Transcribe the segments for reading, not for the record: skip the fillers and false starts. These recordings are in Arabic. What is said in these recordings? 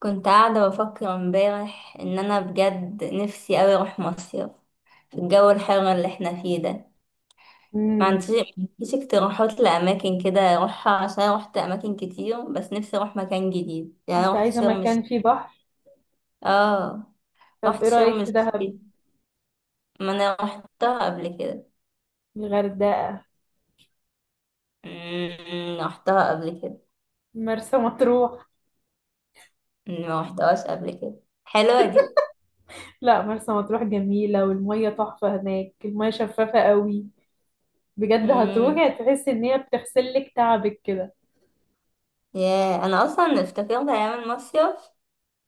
كنت قاعدة بفكر امبارح ان انا بجد نفسي اوي اروح مصيف في الجو الحر اللي احنا فيه ده. امم. ما عنديش اقتراحات لاماكن كده اروحها، عشان أنا روحت اماكن كتير، بس نفسي اروح مكان جديد يعني. أنا انت روحت عايزة شرم الشيخ. مكان فيه بحر؟ اه. طب روحت ايه شرم رأيك في دهب؟ الشيخ، ما انا روحتها قبل كده. الغردقة؟ أمم، روحتها قبل كده. مرسى مطروح؟ ما روحتهاش قبل كده، حلوة دي. لا، مرسى مطروح جميلة والمية تحفة هناك، المية شفافة قوي. بجد امم هتروحي هتحسي ان هي بتغسلك تعبك كده. يا، انا اصلا افتكرت ايام المصيف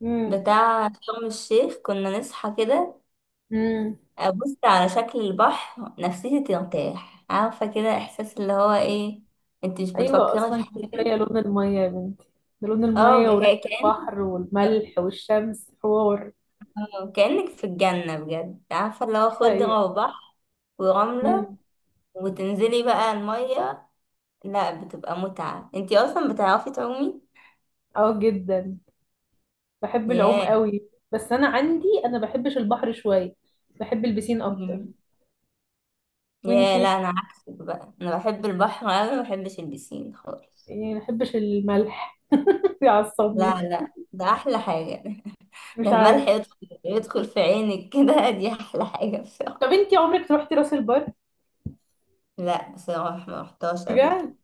امم. بتاع شرم الشيخ، كنا نصحى كده. امم. أبص على شكل البحر، نفسيتي ترتاح، عارفة كده إحساس اللي هو إيه. أنت مش ايوه بتفكري في اصلا حاجة. كفاية لون المية يا بنتي. ده لون اه، المية وريحة البحر اه والملح والشمس، حوار كأنك في الجنة بجد، عارفة اللي هو حقيقة. خضرة وبحر. ورملة. امم. وتنزلي بقى المية. لا، بتبقى متعة. أنت أصلا بتعرفي تعومي؟ اه جدا، بحب العوم ياه. قوي، بس انا بحبش البحر شوية، بحب البسين اكتر. مم. ياه، لا وانتي؟ أنا عكسك بقى، أنا بحب البحر أوي، مبحبش البسين خالص. يعني ما بحبش الملح، بيعصبني. لا، لا، ده احلى حاجة. ده مش الملح عارف. يدخل في عينك كده. دي احلى حاجة طب بصراحة. انتي عمرك روحتي راس البر؟ لا بصراحة، ما رحتهاش قبل كده. بجد؟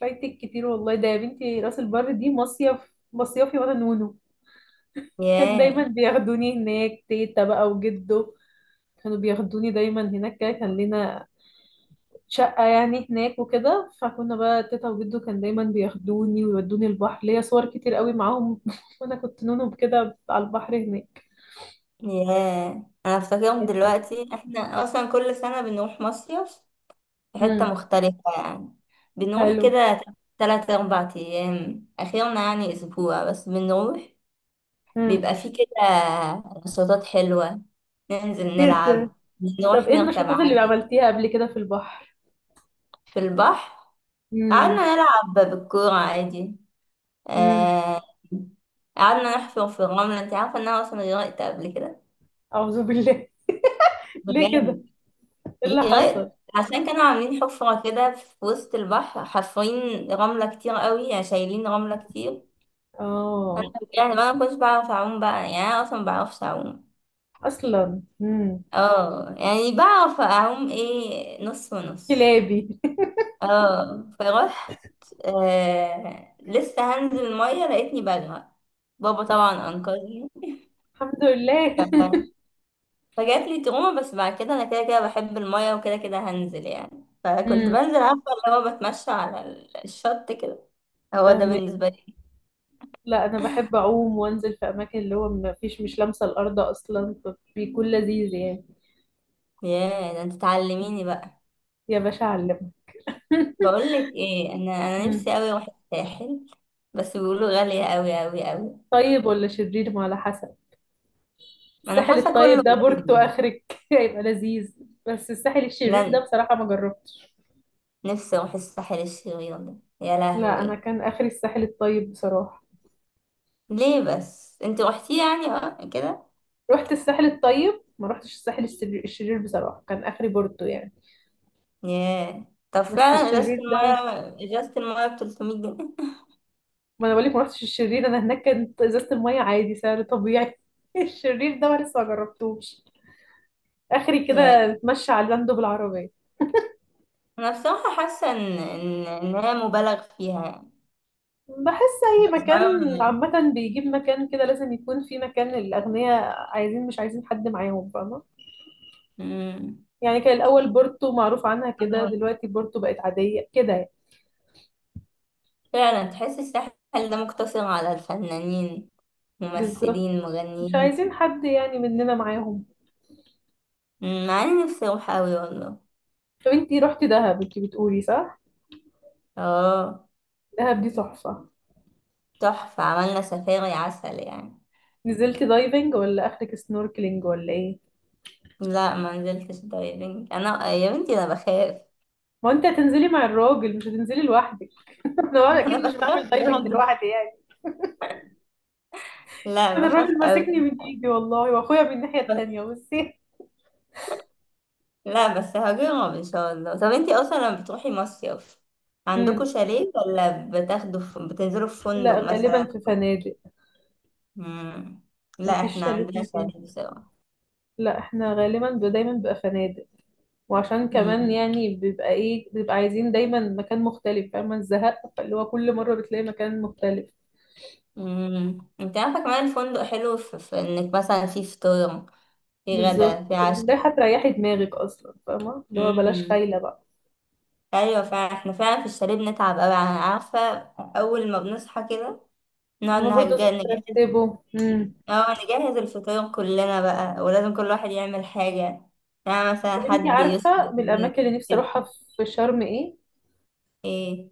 فايتك كتير والله، ده يا بنتي راس البر دي مصيف مصيفي وانا نونو. كان دايما ياه. بياخدوني هناك تيتا بقى وجدو، كانوا بياخدوني دايما هناك كده، كان لنا شقة يعني هناك وكده، فكنا بقى تيتا وجدو كان دايما بياخدوني ويودوني البحر، ليا صور كتير قوي معاهم وانا كنت نونو كده على البحر هناك، ياه، انا افتكرهم كانت تحفة. دلوقتي. احنا اصلا كل سنة بنروح مصيف في حتة امم. مختلفة يعني، بنروح حلو. كده تلات اربع ايام، اخيرا يعني اسبوع بس بنروح. امم. بيبقى فيه كده نشاطات حلوة، ننزل جدا. نلعب، طب نروح ايه نركب النشاطات اللي عجل. عملتيها قبل كده في البحر؟ في البحر، قعدنا امم. نلعب بالكورة عادي. امم. آه، قعدنا نحفر في الرملة. انت عارفة ان انا اصلا غرقت قبل كده؟ اعوذ بالله، ليه كده؟ بجد، ايه اللي حصل؟ غرقت عشان كانوا عاملين حفرة كده في وسط البحر، حافرين رملة كتير قوي يعني، شايلين رملة كتير. انا اه يعني، انا ما كنتش بعرف اعوم بقى، يعني انا اصلا ما بعرفش اعوم. اصلا. امم. اه يعني بعرف اعوم ايه، نص ونص. كلابي. اه فرحت. لسه هنزل المية لقيتني بغرق. بابا طبعا انقذني. الحمد لله. ف- فجات لي تروما، بس بعد كده انا كده كده بحب المية وكده كده هنزل يعني، فكنت امم. بنزل، عارفة اللي هو بتمشى على الشط كده. هو ده فاهمك. بالنسبة لي. لا انا بحب اعوم وانزل في اماكن اللي هو ما فيش، مش لامسه الارض اصلا، فبيكون لذيذ يعني. ياه، ده انت تعلميني بقى. يا باشا علم. بقول لك ايه، انا امم. نفسي قوي اروح الساحل، بس بيقولوا غالية قوي قوي قوي. طيب ولا شرير، ما على حسب. انا الساحل حاسة الطيب كله ده بورتو غالي. اخرك، هيبقى لذيذ. بس الساحل الشرير لا، ده بصراحه ما جربتش. نفسي اروح الساحل الشرير ده. يا لا انا لهوي. كان اخري الساحل الطيب بصراحه، ليه بس انت روحتي يعني اه كده؟ رحت الساحل الطيب، ما رحتش الساحل الشرير، الشرير بصراحه كان اخري بورتو يعني. ياه. طب بس فعلا، ازازة الشرير ده، المية ازازة المية ب 300 جنيه؟ ما انا بقولك ما رحتش الشرير، انا هناك كانت ازازه الميه عادي سعر طبيعي. الشرير ده انا لسه ما جربتوش، اخري كده ياه، اتمشى على اللاندو بالعربيه. انا بصراحة حاسة ان ان إن هي مبالغ فيها يعني، بحس اي بس مكان عموماً يعني. عامه بيجيب مكان كده لازم يكون في مكان، الاغنياء عايزين مش عايزين حد معاهم، فاهمه أمم. يعني؟ كان الاول بورتو معروف عنها كده، دلوقتي بورتو بقت عاديه كده يعني. فعلا تحس الساحل ده مقتصر على الفنانين، بالظبط، ممثلين، مش مغنيين. عايزين حد يعني مننا معاهم. أمم، مع اني نفسي اروح اوي والله. طب انتي رحتي دهب انتي بتقولي، صح؟ اه، دهب دي تحفة. تحفة، عملنا سفاري عسل يعني. نزلتي دايفنج ولا اخرك سنوركلينج ولا ايه؟ لا ما نزلتش دايفنج، انا يا بنتي انا بخاف. ما انت هتنزلي مع الراجل، مش هتنزلي لوحدك، انا ما انا اكيد مش بخاف بعمل دايفنج برضه. لوحدي يعني. لا انا بخاف الراجل اوي. ماسكني من ايدي والله، واخويا من الناحية التانية، بصي. لا بس هجيبهم ان شاء الله. طب انتي اصلا لما بتروحي مصيف، عندكوا امم. شاليه ولا بتنزلوا في لا فندق غالبا مثلا؟ في فنادق. مم. ما لا فيش احنا شاليه في عندنا مكان، شاليه سوا. لا احنا غالبا دايما بقى فنادق. وعشان كمان مم. يعني بيبقى ايه، بيبقى عايزين دايما مكان مختلف، فاهمة الزهق؟ فاللي هو كل مرة بتلاقي مكان مختلف. مم. انت عارفه كمان الفندق حلو في انك مثلا، في فطور، في بالظبط، غدا، في ده عشاء. هتريحي دماغك اصلا، فاهمة اللي هو؟ بلاش مم. خايلة بقى ايوه فعلا، احنا فعلا في الشاليه بنتعب قوي، عارفه. اول ما بنصحى كده، نقعد هما برضه لازم نجهز. ترتبه. امم. اه، نجهز الفطور كلنا بقى، ولازم كل واحد يعمل حاجة، يعني مثلا طب انتي حد يسلق عارفة من البيض الأماكن اللي نفسي أروحها كده. في شرم ايه؟ ايه؟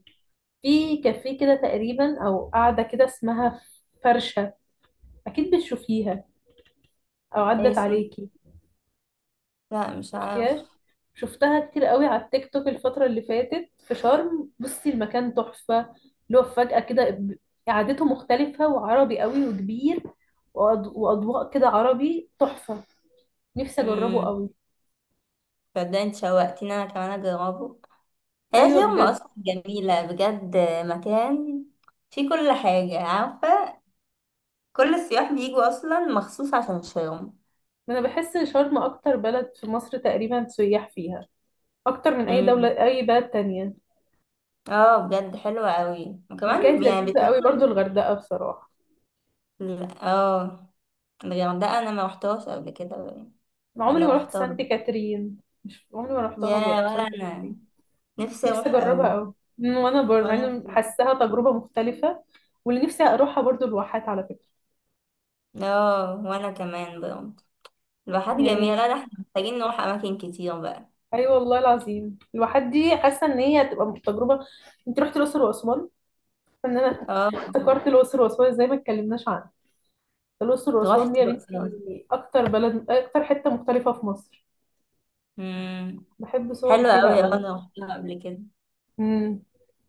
في كافيه كده تقريبا أو قاعدة كده، اسمها فرشة، أكيد بتشوفيها أو ايه عدت اسمه؟ عليكي. لا مش شفتيهاش؟ عارف. شفتها كتير قوي على التيك توك الفترة اللي فاتت في شرم، بصي المكان تحفة، اللي هو فجأة كده، قعدته مختلفة وعربي قوي وكبير، وأضواء كده عربي تحفة، نفسي أجربه امم قوي. صدقني انت شوقتيني انا كمان اجربه. هي أيوة فيرما بجد. اصلا جميلة بجد. مكان فيه كل حاجة، عارفة. كل السياح بيجوا اصلا مخصوص عشان شرم. أنا بحس شرم أكتر بلد في مصر تقريبا سياح فيها، أكتر من أي دولة، امم. أي بلد تانية. اه بجد حلوة قوي، اللي كانت وكمان يعني لذيذة قوي برضو بتوفر. الغردقة بصراحة. اه، الغردقة انا ما رحتهاش قبل كده. أنا عمري ولا ما رحت رحتها. سانت كاترين، مش عمري ما رحتها يا، برضو ولا سانت كاترين، انا، نفسي نفسي اروح قوي. اجربها قوي. مم، وانا برضه مع وانا انه كمان. حاساها تجربه مختلفه. واللي نفسي اروحها برضه الواحات على فكره اه وانا كمان برضه، الواحات جميله. يعني. لا، لا، احنا محتاجين نروح اماكن كتير بقى. ايوه والله العظيم، الواحات دي حاسه ان هي هتبقى تجربه. انت رحت الاقصر واسوان؟ فان انا اه افتكرت الاقصر واسوان زي ما اتكلمناش عنها، الاقصر واسوان دي رحت يا الاقصر. بنتي اكتر بلد، اكتر حته مختلفه في مصر، امم. بحب صوري حلوه فيها قوي، اه قوي. انا رحتها قبل كده. امم.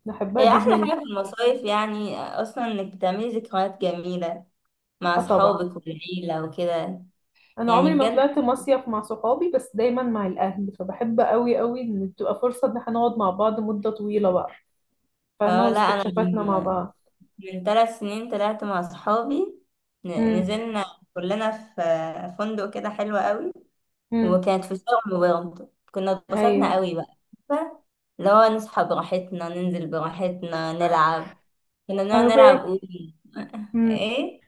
بحبها هي احلى جدا جدا. حاجه في المصايف يعني، اصلا انك بتعملي ذكريات جميله مع اه طبعا. اصحابك والعيله وكده. انا يعني عمري ما بجد. طلعت مصيف مع صحابي، بس دايما مع الاهل، فبحب قوي قوي ان تبقى فرصه ان احنا نقعد مع بعض مده طويله بقى، فاهمه، اه، لا انا واستكشافاتنا مع من بعض. ثلاث سنين طلعت مع اصحابي. امم. نزلنا كلنا في فندق كده حلو قوي. امم. وكانت في شرم برضه، كنا اتبسطنا ايوه قوي بقى. عارفة؟ اللي هو نصحى براحتنا، ننزل براحتنا نلعب. كنا نقعد نلعب أونو. فهماكي. امم. ايه؟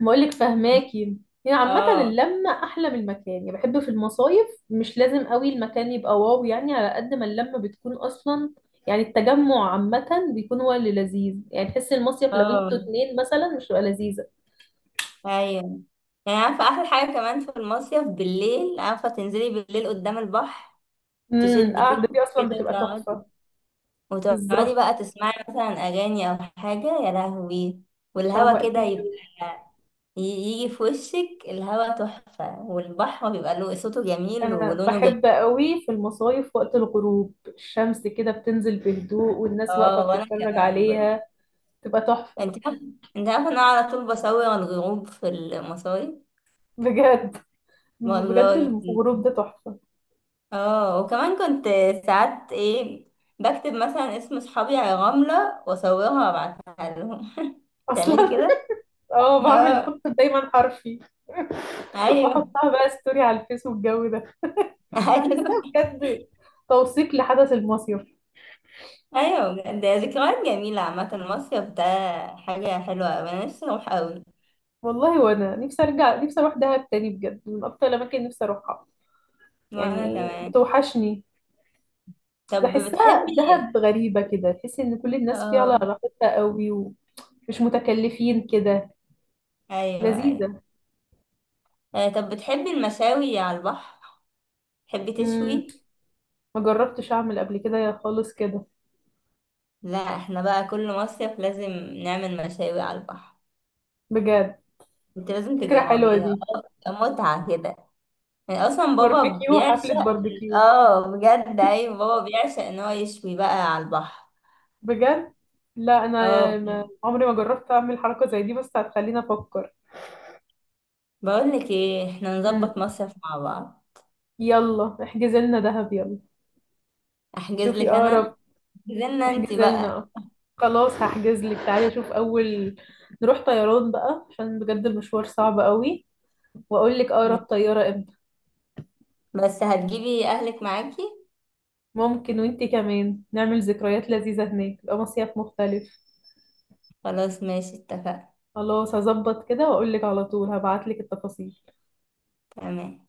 بقول لك فهماكي. يعني عامه اه، اللمه احلى من المكان يعني، بحب في المصايف مش لازم قوي المكان يبقى واو يعني، على قد ما اللمه بتكون اصلا، يعني التجمع عامه بيكون هو اللي لذيذ يعني، تحس المصيف لو اه، انتوا اتنين مثلا مش هتبقى لذيذه. ايوه. يعني عارفة، احلى حاجة كمان في المصيف بالليل، عارفة تنزلي بالليل قدام البحر، امم. تشدي القعده دي كروب اصلا كده بتبقى وتقعدي. تحفه. وتقعدي بالظبط، بقى تسمعي مثلا اغاني او حاجة، يا لهوي. والهوا كده شوقتني يبقى، أوي. يجي في وشك الهوا تحفة، والبحر بيبقى له صوته جميل انا ولونه بحب جميل. قوي في المصايف وقت الغروب، الشمس كده بتنزل بهدوء والناس واقفة اه، وانا بتتفرج كمان بقى. عليها، تبقى تحفة. انت عارف انت عارف انا على طول بصور الغروب في المصايف. بجد بجد، والله. الغروب ده تحفة. اه وكمان كنت ساعات ايه، بكتب مثلا اسم صحابي على رملة واصورها وابعتها لهم. تعملي اصلا كده؟ اه بعمل، اه. بحط دايما حرفي ايوه. واحطها بقى ستوري على الفيس والجو ده. بحسها ايوه، بجد توثيق لحدث المصيف. ايوه، بجد. ده ذكريات جميلة عامة المصيف ده، حاجة حلوة أوي. انا نفسي اروح اوي. والله وانا نفسي ارجع، نفسي اروح دهب تاني، بجد من اكتر الاماكن نفسي اروحها، وانا يعني كمان. بتوحشني. طب بحسها بتحبي دهب غريبة كده، تحس إن كل الناس فيها على اه، راحتها قوي ومش متكلفين كده، ايوه، ايوه، لذيذة. طب بتحبي المشاوي على البحر؟ تحبي مم. تشوي؟ ما جربتش أعمل قبل كده يا خالص كده. لا احنا بقى كل مصيف لازم نعمل مشاوي على البحر. بجد انت لازم فكرة حلوة تجربيها. دي. متعة كده. يعني اصلا بابا باربيكيو، حفلة بيعشق. باربيكيو. اه بجد، ايوه، بابا بيعشق ان هو يشوي بقى على البحر. بجد. لا اه أنا ما بجد. عمري ما جربت أعمل حركة زي دي، بس هتخليني أفكر. بقول لك ايه، احنا مم. نظبط مصيف مع بعض. يلا احجز لنا دهب، يلا. احجز شوفي لك انا. أقرب. احجزلنا انت احجز بقى. لنا. خلاص هحجز لك، تعالي أشوف أول، نروح طيران بقى عشان بجد المشوار صعب قوي، واقول لك اقرب طياره امتى. بس هتجيبي اهلك معاكي. ممكن وانتي كمان، نعمل ذكريات لذيذه هناك، يبقى مصيف مختلف. خلاص، ماشي، اتفقنا. خلاص هظبط كده واقول لك، على طول هبعت لك التفاصيل. تمام.